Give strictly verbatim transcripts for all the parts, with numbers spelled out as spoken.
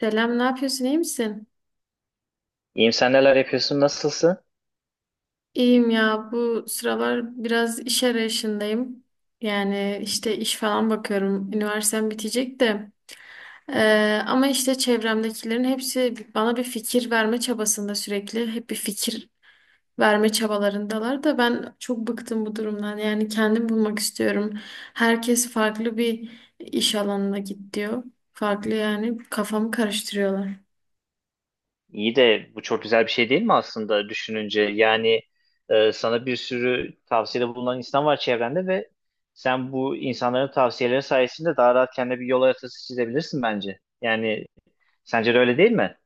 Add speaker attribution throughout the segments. Speaker 1: Selam, ne yapıyorsun? İyi misin?
Speaker 2: İyiyim sen neler yapıyorsun nasılsın?
Speaker 1: İyiyim ya. Bu sıralar biraz iş arayışındayım. Yani işte iş falan bakıyorum. Üniversitem bitecek de. Ee, ama işte çevremdekilerin hepsi bana bir fikir verme çabasında sürekli. Hep bir fikir verme çabalarındalar da ben çok bıktım bu durumdan. Yani kendim bulmak istiyorum. Herkes farklı bir iş alanına git diyor. Farklı yani kafamı karıştırıyorlar.
Speaker 2: İyi de bu çok güzel bir şey değil mi aslında düşününce? Yani e, sana bir sürü tavsiyede bulunan insan var çevrende ve sen bu insanların tavsiyeleri sayesinde daha rahat kendine bir yol haritası çizebilirsin bence. Yani sence de öyle değil mi?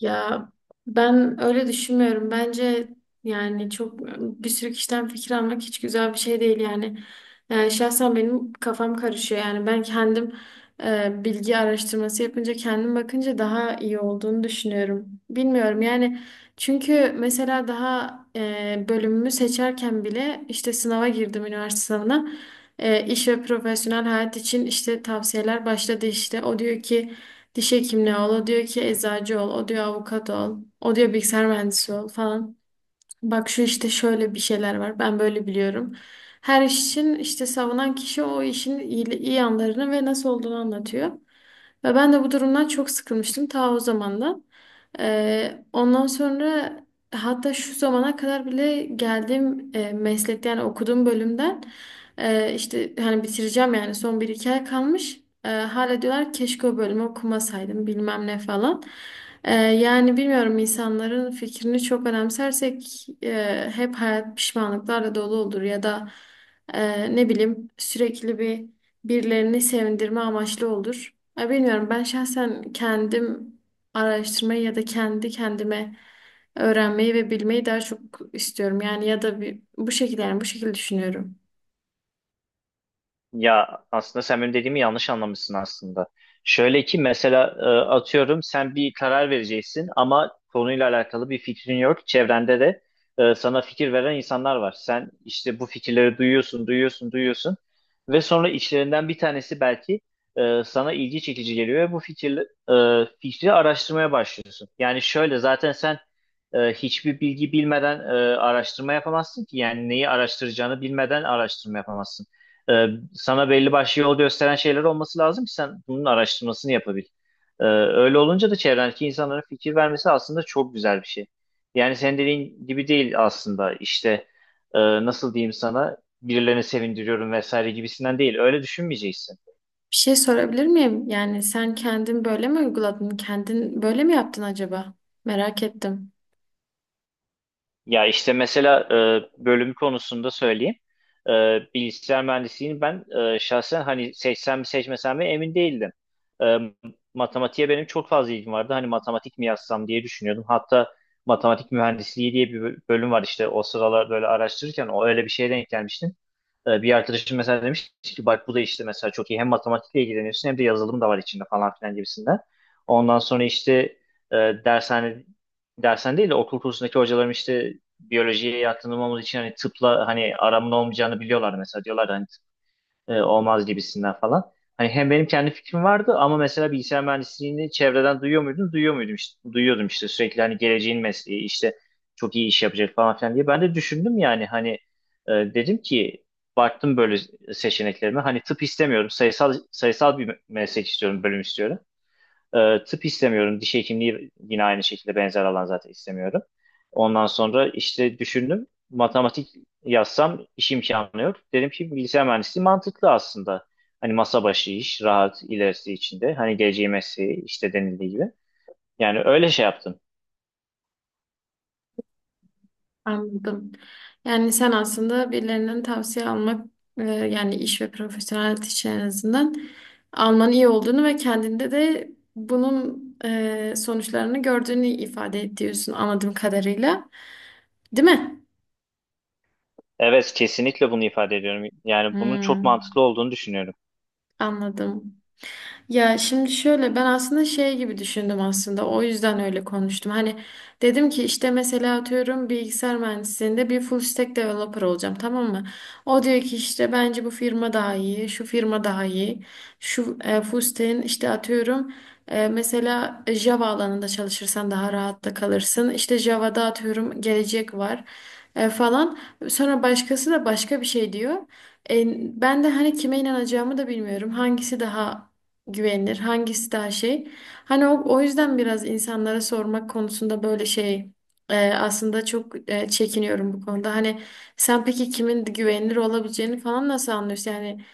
Speaker 1: Ya ben öyle düşünmüyorum. Bence yani çok bir sürü kişiden fikir almak hiç güzel bir şey değil yani. E, şahsen benim kafam karışıyor. Yani ben kendim e, bilgi araştırması yapınca kendim bakınca daha iyi olduğunu düşünüyorum. Bilmiyorum yani, çünkü mesela daha e, bölümümü seçerken bile işte sınava girdim üniversite sınavına. E, iş ve profesyonel hayat için işte tavsiyeler başladı işte. O diyor ki diş hekimliği ol, o diyor ki eczacı ol, o diyor avukat ol, o diyor bilgisayar mühendisi ol falan. Bak şu işte şöyle bir şeyler var, ben böyle biliyorum. Her iş için işte savunan kişi o işin iyi, iyi yanlarını ve nasıl olduğunu anlatıyor. Ve ben de bu durumdan çok sıkılmıştım ta o zamandan. Ee, ondan sonra hatta şu zamana kadar bile geldiğim e, meslekte, yani okuduğum bölümden e, işte hani bitireceğim yani son bir iki ay kalmış. E, hala diyorlar keşke o bölümü okumasaydım bilmem ne falan. E, yani bilmiyorum, insanların fikrini çok önemsersek e, hep hayat pişmanlıklarla dolu olur ya da e, ne bileyim sürekli bir birilerini sevindirme amaçlı olur. Ya bilmiyorum, ben şahsen kendim araştırmayı ya da kendi kendime öğrenmeyi ve bilmeyi daha çok istiyorum. Yani ya da bir, bu şekilde yani bu şekilde düşünüyorum.
Speaker 2: Ya aslında sen benim dediğimi yanlış anlamışsın aslında. Şöyle ki mesela e, atıyorum sen bir karar vereceksin ama konuyla alakalı bir fikrin yok. Çevrende de e, sana fikir veren insanlar var. Sen işte bu fikirleri duyuyorsun, duyuyorsun, duyuyorsun ve sonra içlerinden bir tanesi belki e, sana ilgi çekici geliyor ve bu fikir, e, fikri araştırmaya başlıyorsun. Yani şöyle zaten sen e, hiçbir bilgi bilmeden e, araştırma yapamazsın ki. Yani neyi araştıracağını bilmeden araştırma yapamazsın. Ee, Sana belli başlı yol gösteren şeyler olması lazım ki sen bunun araştırmasını yapabil. Ee, öyle olunca da çevrendeki insanların fikir vermesi aslında çok güzel bir şey. Yani senin dediğin gibi değil aslında işte e, nasıl diyeyim sana birilerini sevindiriyorum vesaire gibisinden değil. Öyle düşünmeyeceksin.
Speaker 1: Bir şey sorabilir miyim? Yani sen kendin böyle mi uyguladın? Kendin böyle mi yaptın acaba? Merak ettim.
Speaker 2: Ya işte mesela e, bölüm konusunda söyleyeyim. E, Bilgisayar mühendisliğini ben e, şahsen hani seçsem mi seçmesem mi emin değildim. E, Matematiğe benim çok fazla ilgim vardı. Hani matematik mi yazsam diye düşünüyordum. Hatta matematik mühendisliği diye bir böl- bölüm var işte o sıralar böyle araştırırken o öyle bir şeye denk gelmiştim. E, bir arkadaşım mesela demiş ki bak bu da işte mesela çok iyi hem matematikle ilgileniyorsun hem de yazılım da var içinde falan filan gibisinden. Ondan sonra işte e, dershane dersen değil de okul kursundaki hocalarım işte biyolojiye yatkın olmamız için hani tıpla hani aramın olmayacağını biliyorlar mesela diyorlar hani e, olmaz gibisinden falan. Hani hem benim kendi fikrim vardı ama mesela bilgisayar mühendisliğini çevreden duyuyor muydum? Duyuyor muydum işte? Duyuyordum işte sürekli hani geleceğin mesleği işte çok iyi iş yapacak falan filan diye. Ben de düşündüm yani hani e, dedim ki baktım böyle seçeneklerime hani tıp istemiyorum sayısal sayısal bir meslek istiyorum bölüm istiyorum. E, tıp istemiyorum. Diş hekimliği yine aynı şekilde benzer alan zaten istemiyorum. Ondan sonra işte düşündüm. Matematik yazsam iş imkanı yok. Dedim ki bilgisayar mühendisliği mantıklı aslında. Hani masa başı iş, rahat ilerisi içinde. Hani geleceği mesleği işte denildiği gibi. Yani öyle şey yaptım.
Speaker 1: Anladım. Yani sen aslında birilerinden tavsiye almak, e, yani iş ve profesyonel hayat, en azından almanın iyi olduğunu ve kendinde de bunun e, sonuçlarını gördüğünü ifade ediyorsun anladığım kadarıyla. Değil mi?
Speaker 2: Evet kesinlikle bunu ifade ediyorum. Yani bunun çok
Speaker 1: Hmm,
Speaker 2: mantıklı olduğunu düşünüyorum.
Speaker 1: anladım. Ya şimdi şöyle, ben aslında şey gibi düşündüm aslında, o yüzden öyle konuştum. Hani dedim ki işte mesela atıyorum bilgisayar mühendisliğinde bir full stack developer olacağım, tamam mı? O diyor ki işte bence bu firma daha iyi, şu firma daha iyi. Şu e, full stack'in işte atıyorum e, mesela Java alanında çalışırsan daha rahatla kalırsın. İşte Java'da atıyorum gelecek var e, falan. Sonra başkası da başka bir şey diyor. E, Ben de hani kime inanacağımı da bilmiyorum. Hangisi daha güvenilir, hangisi daha şey. Hani o, o yüzden biraz insanlara sormak konusunda böyle şey, e, aslında çok e, çekiniyorum bu konuda. Hani sen peki kimin güvenilir olabileceğini falan nasıl anlıyorsun? Yani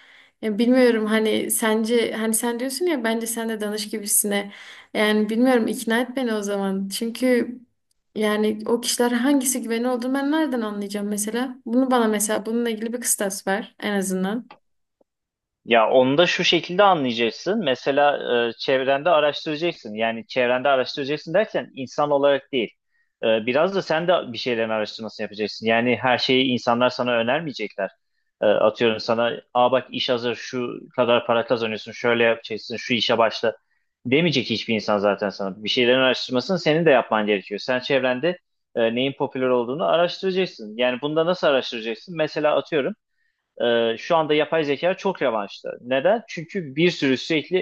Speaker 1: e, bilmiyorum hani sence, hani sen diyorsun ya bence sen de danış gibisine. Yani bilmiyorum, ikna et beni o zaman. Çünkü yani o kişiler hangisi güvenilir olduğunu ben nereden anlayacağım mesela? Bunu bana, mesela bununla ilgili bir kıstas ver en azından.
Speaker 2: Ya onu da şu şekilde anlayacaksın. Mesela e, çevrende araştıracaksın. Yani çevrende araştıracaksın derken insan olarak değil. E, biraz da sen de bir şeylerin araştırmasını yapacaksın. Yani her şeyi insanlar sana önermeyecekler. E, atıyorum sana, aa bak iş hazır, şu kadar para kazanıyorsun, şöyle yapacaksın, şu işe başla demeyecek hiçbir insan zaten sana. Bir şeylerin araştırmasını senin de yapman gerekiyor. Sen çevrende e, neyin popüler olduğunu araştıracaksın. Yani bunda nasıl araştıracaksın? Mesela atıyorum e, şu anda yapay zeka çok revaçta. Neden? Çünkü bir sürü sürekli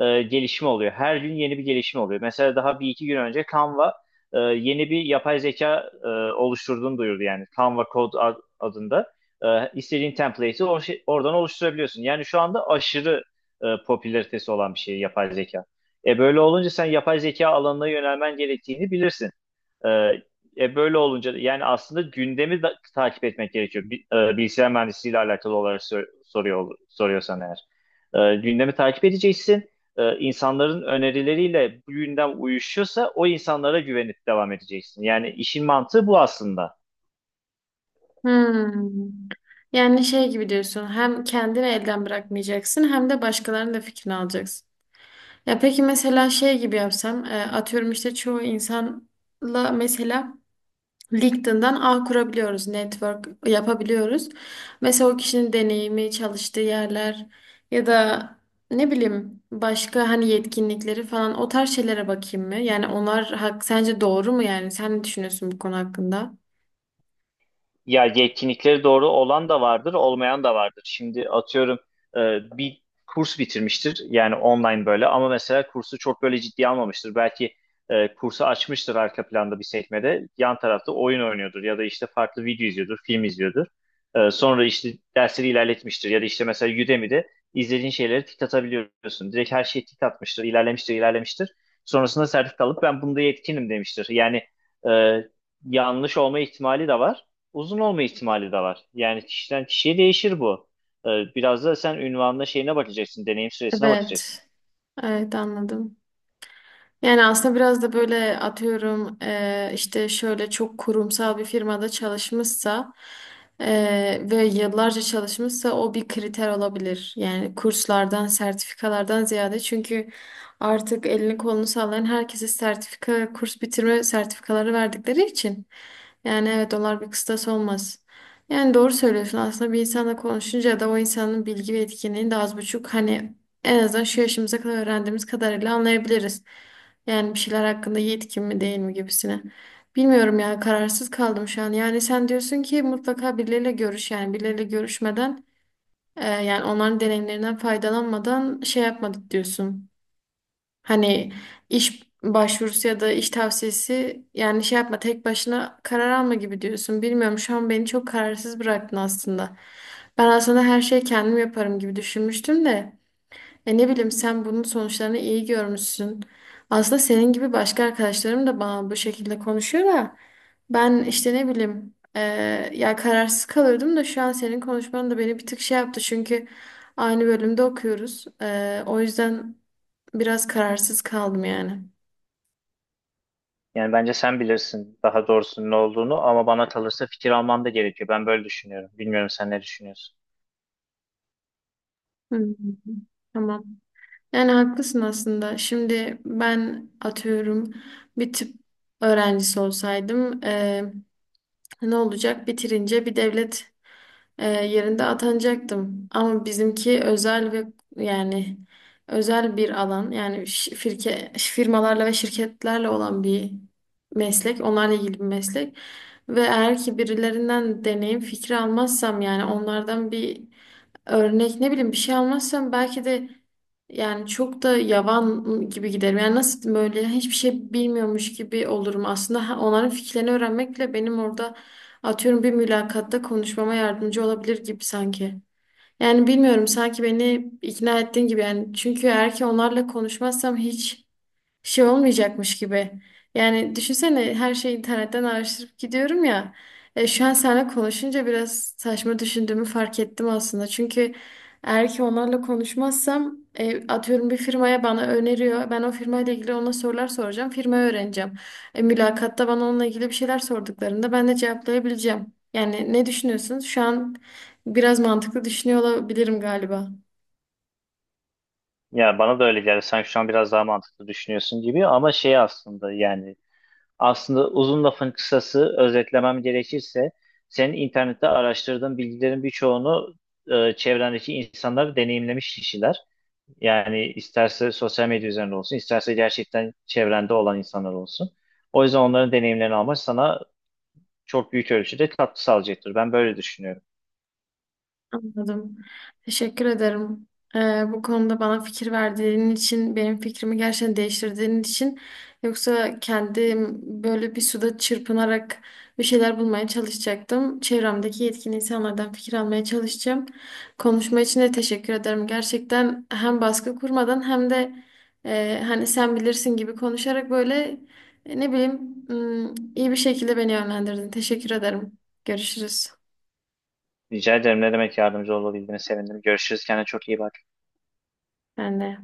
Speaker 2: e, gelişme oluyor. Her gün yeni bir gelişme oluyor. Mesela daha bir iki gün önce Canva e, yeni bir yapay zeka e, oluşturduğunu duyurdu yani. Canva Code ad- adında. E, istediğin template'i or şey- oradan oluşturabiliyorsun. Yani şu anda aşırı e, popülaritesi olan bir şey yapay zeka. E böyle olunca sen yapay zeka alanına yönelmen gerektiğini bilirsin. Ee, e böyle olunca da- yani aslında gündemi da, takip etmek gerekiyor. Bi- e, bilgisayar mühendisliğiyle alakalı olarak sor- soruyor soruyorsan eğer. Ee, gündemi takip edeceksin. Ee, insanların önerileriyle bu gündem uyuşuyorsa o insanlara güvenip devam edeceksin. Yani işin mantığı bu aslında.
Speaker 1: Hmm. Yani şey gibi diyorsun, hem kendini elden bırakmayacaksın hem de başkalarının da fikrini alacaksın. Ya peki mesela şey gibi yapsam, e, atıyorum işte çoğu insanla mesela LinkedIn'dan ağ kurabiliyoruz, network yapabiliyoruz. Mesela o kişinin deneyimi, çalıştığı yerler ya da ne bileyim başka hani yetkinlikleri falan, o tarz şeylere bakayım mı? Yani onlar hak, sence doğru mu yani? Sen ne düşünüyorsun bu konu hakkında?
Speaker 2: Ya yetkinlikleri doğru olan da vardır, olmayan da vardır. Şimdi atıyorum e, bir kurs bitirmiştir yani online böyle ama mesela kursu çok böyle ciddiye almamıştır. Belki e, kursu açmıştır arka planda bir sekmede, yan tarafta oyun oynuyordur ya da işte farklı video izliyordur, film izliyordur. E, sonra işte dersleri ilerletmiştir ya da işte mesela Udemy'de izlediğin şeyleri tik atabiliyorsun. Direkt her şeyi tik atmıştır, ilerlemiştir, ilerlemiştir. Sonrasında sertifika alıp ben bunda yetkinim demiştir. Yani e, yanlış olma ihtimali de var uzun olma ihtimali de var. Yani kişiden kişiye değişir bu. Ee, Biraz da sen ünvanına şeyine bakacaksın, deneyim süresine bakacaksın.
Speaker 1: Evet. Evet, anladım. Yani aslında biraz da böyle atıyorum, eee, işte şöyle çok kurumsal bir firmada çalışmışsa eee, ve yıllarca çalışmışsa o bir kriter olabilir. Yani kurslardan, sertifikalardan ziyade, çünkü artık elini kolunu sallayan herkese sertifika, kurs bitirme sertifikaları verdikleri için. Yani evet, onlar bir kıstas olmaz. Yani doğru söylüyorsun aslında, bir insanla konuşunca da o insanın bilgi ve etkinliğini de az buçuk hani en azından şu yaşımıza kadar öğrendiğimiz kadarıyla anlayabiliriz. Yani bir şeyler hakkında yetkin mi değil mi gibisine. Bilmiyorum ya, kararsız kaldım şu an. Yani sen diyorsun ki mutlaka birileriyle görüş, yani birileriyle görüşmeden e, yani onların deneyimlerinden faydalanmadan şey yapmadık diyorsun. Hani iş başvurusu ya da iş tavsiyesi yani şey yapma, tek başına karar alma gibi diyorsun. Bilmiyorum, şu an beni çok kararsız bıraktın aslında. Ben aslında her şeyi kendim yaparım gibi düşünmüştüm de. E, ne bileyim, sen bunun sonuçlarını iyi görmüşsün. Aslında senin gibi başka arkadaşlarım da bana bu şekilde konuşuyor da ben işte ne bileyim, e, ya kararsız kalıyordum da şu an senin konuşman da beni bir tık şey yaptı, çünkü aynı bölümde okuyoruz. E, o yüzden biraz kararsız kaldım yani.
Speaker 2: Yani bence sen bilirsin daha doğrusunun ne olduğunu ama bana kalırsa fikir alman da gerekiyor. Ben böyle düşünüyorum. Bilmiyorum sen ne düşünüyorsun?
Speaker 1: Hı hı. Tamam. Yani haklısın aslında. Şimdi ben atıyorum bir tıp öğrencisi olsaydım eee, ne olacak? Bitirince bir devlet, Ee, yerinde atanacaktım. Ama bizimki özel ve yani özel bir alan. Yani şi- firke, firmalarla ve şirketlerle olan bir meslek. Onlarla ilgili bir meslek. Ve eğer ki birilerinden deneyim fikri almazsam, yani onlardan bir örnek ne bileyim bir şey almazsam, belki de yani çok da yavan gibi giderim. Yani nasıl diyeyim, böyle hiçbir şey bilmiyormuş gibi olurum. Aslında ha- onların fikirlerini öğrenmek bile benim orada, atıyorum, bir mülakatta konuşmama yardımcı olabilir gibi sanki. Yani bilmiyorum, sanki beni ikna ettiğin gibi yani, çünkü eğer ki onlarla konuşmazsam hiç şey olmayacakmış gibi. Yani düşünsene, her şeyi internetten araştırıp gidiyorum ya. E, şu an seninle konuşunca biraz saçma düşündüğümü fark ettim aslında. Çünkü eğer ki onlarla konuşmazsam, e, atıyorum bir firmaya bana öneriyor. Ben o firmayla ilgili ona sorular soracağım. Firmayı öğreneceğim. E, mülakatta bana onunla ilgili bir şeyler sorduklarında ben de cevaplayabileceğim. Yani ne düşünüyorsunuz? Şu an biraz mantıklı düşünüyor olabilirim galiba.
Speaker 2: Ya bana da öyle geldi. Sen şu an biraz daha mantıklı düşünüyorsun gibi ama şey aslında yani aslında uzun lafın kısası özetlemem gerekirse senin internette araştırdığın bilgilerin birçoğunu e, çevrendeki insanlar deneyimlemiş kişiler. Yani isterse sosyal medya üzerinde olsun, isterse gerçekten çevrende olan insanlar olsun. O yüzden onların deneyimlerini almak sana çok büyük ölçüde katkı sağlayacaktır. Ben böyle düşünüyorum.
Speaker 1: Anladım. Teşekkür ederim. Ee, bu konuda bana fikir verdiğin için, benim fikrimi gerçekten değiştirdiğin için. Yoksa kendim böyle bir suda çırpınarak bir şeyler bulmaya çalışacaktım. Çevremdeki yetkin insanlardan fikir almaya çalışacağım. Konuşma için de teşekkür ederim. Gerçekten hem baskı kurmadan hem de e, hani sen bilirsin gibi konuşarak böyle e, ne bileyim, ım, iyi bir şekilde beni yönlendirdin. Teşekkür ederim. Görüşürüz.
Speaker 2: Rica ederim. Ne demek yardımcı olabildiğine sevindim. Görüşürüz. Kendine çok iyi bak.
Speaker 1: Ben de.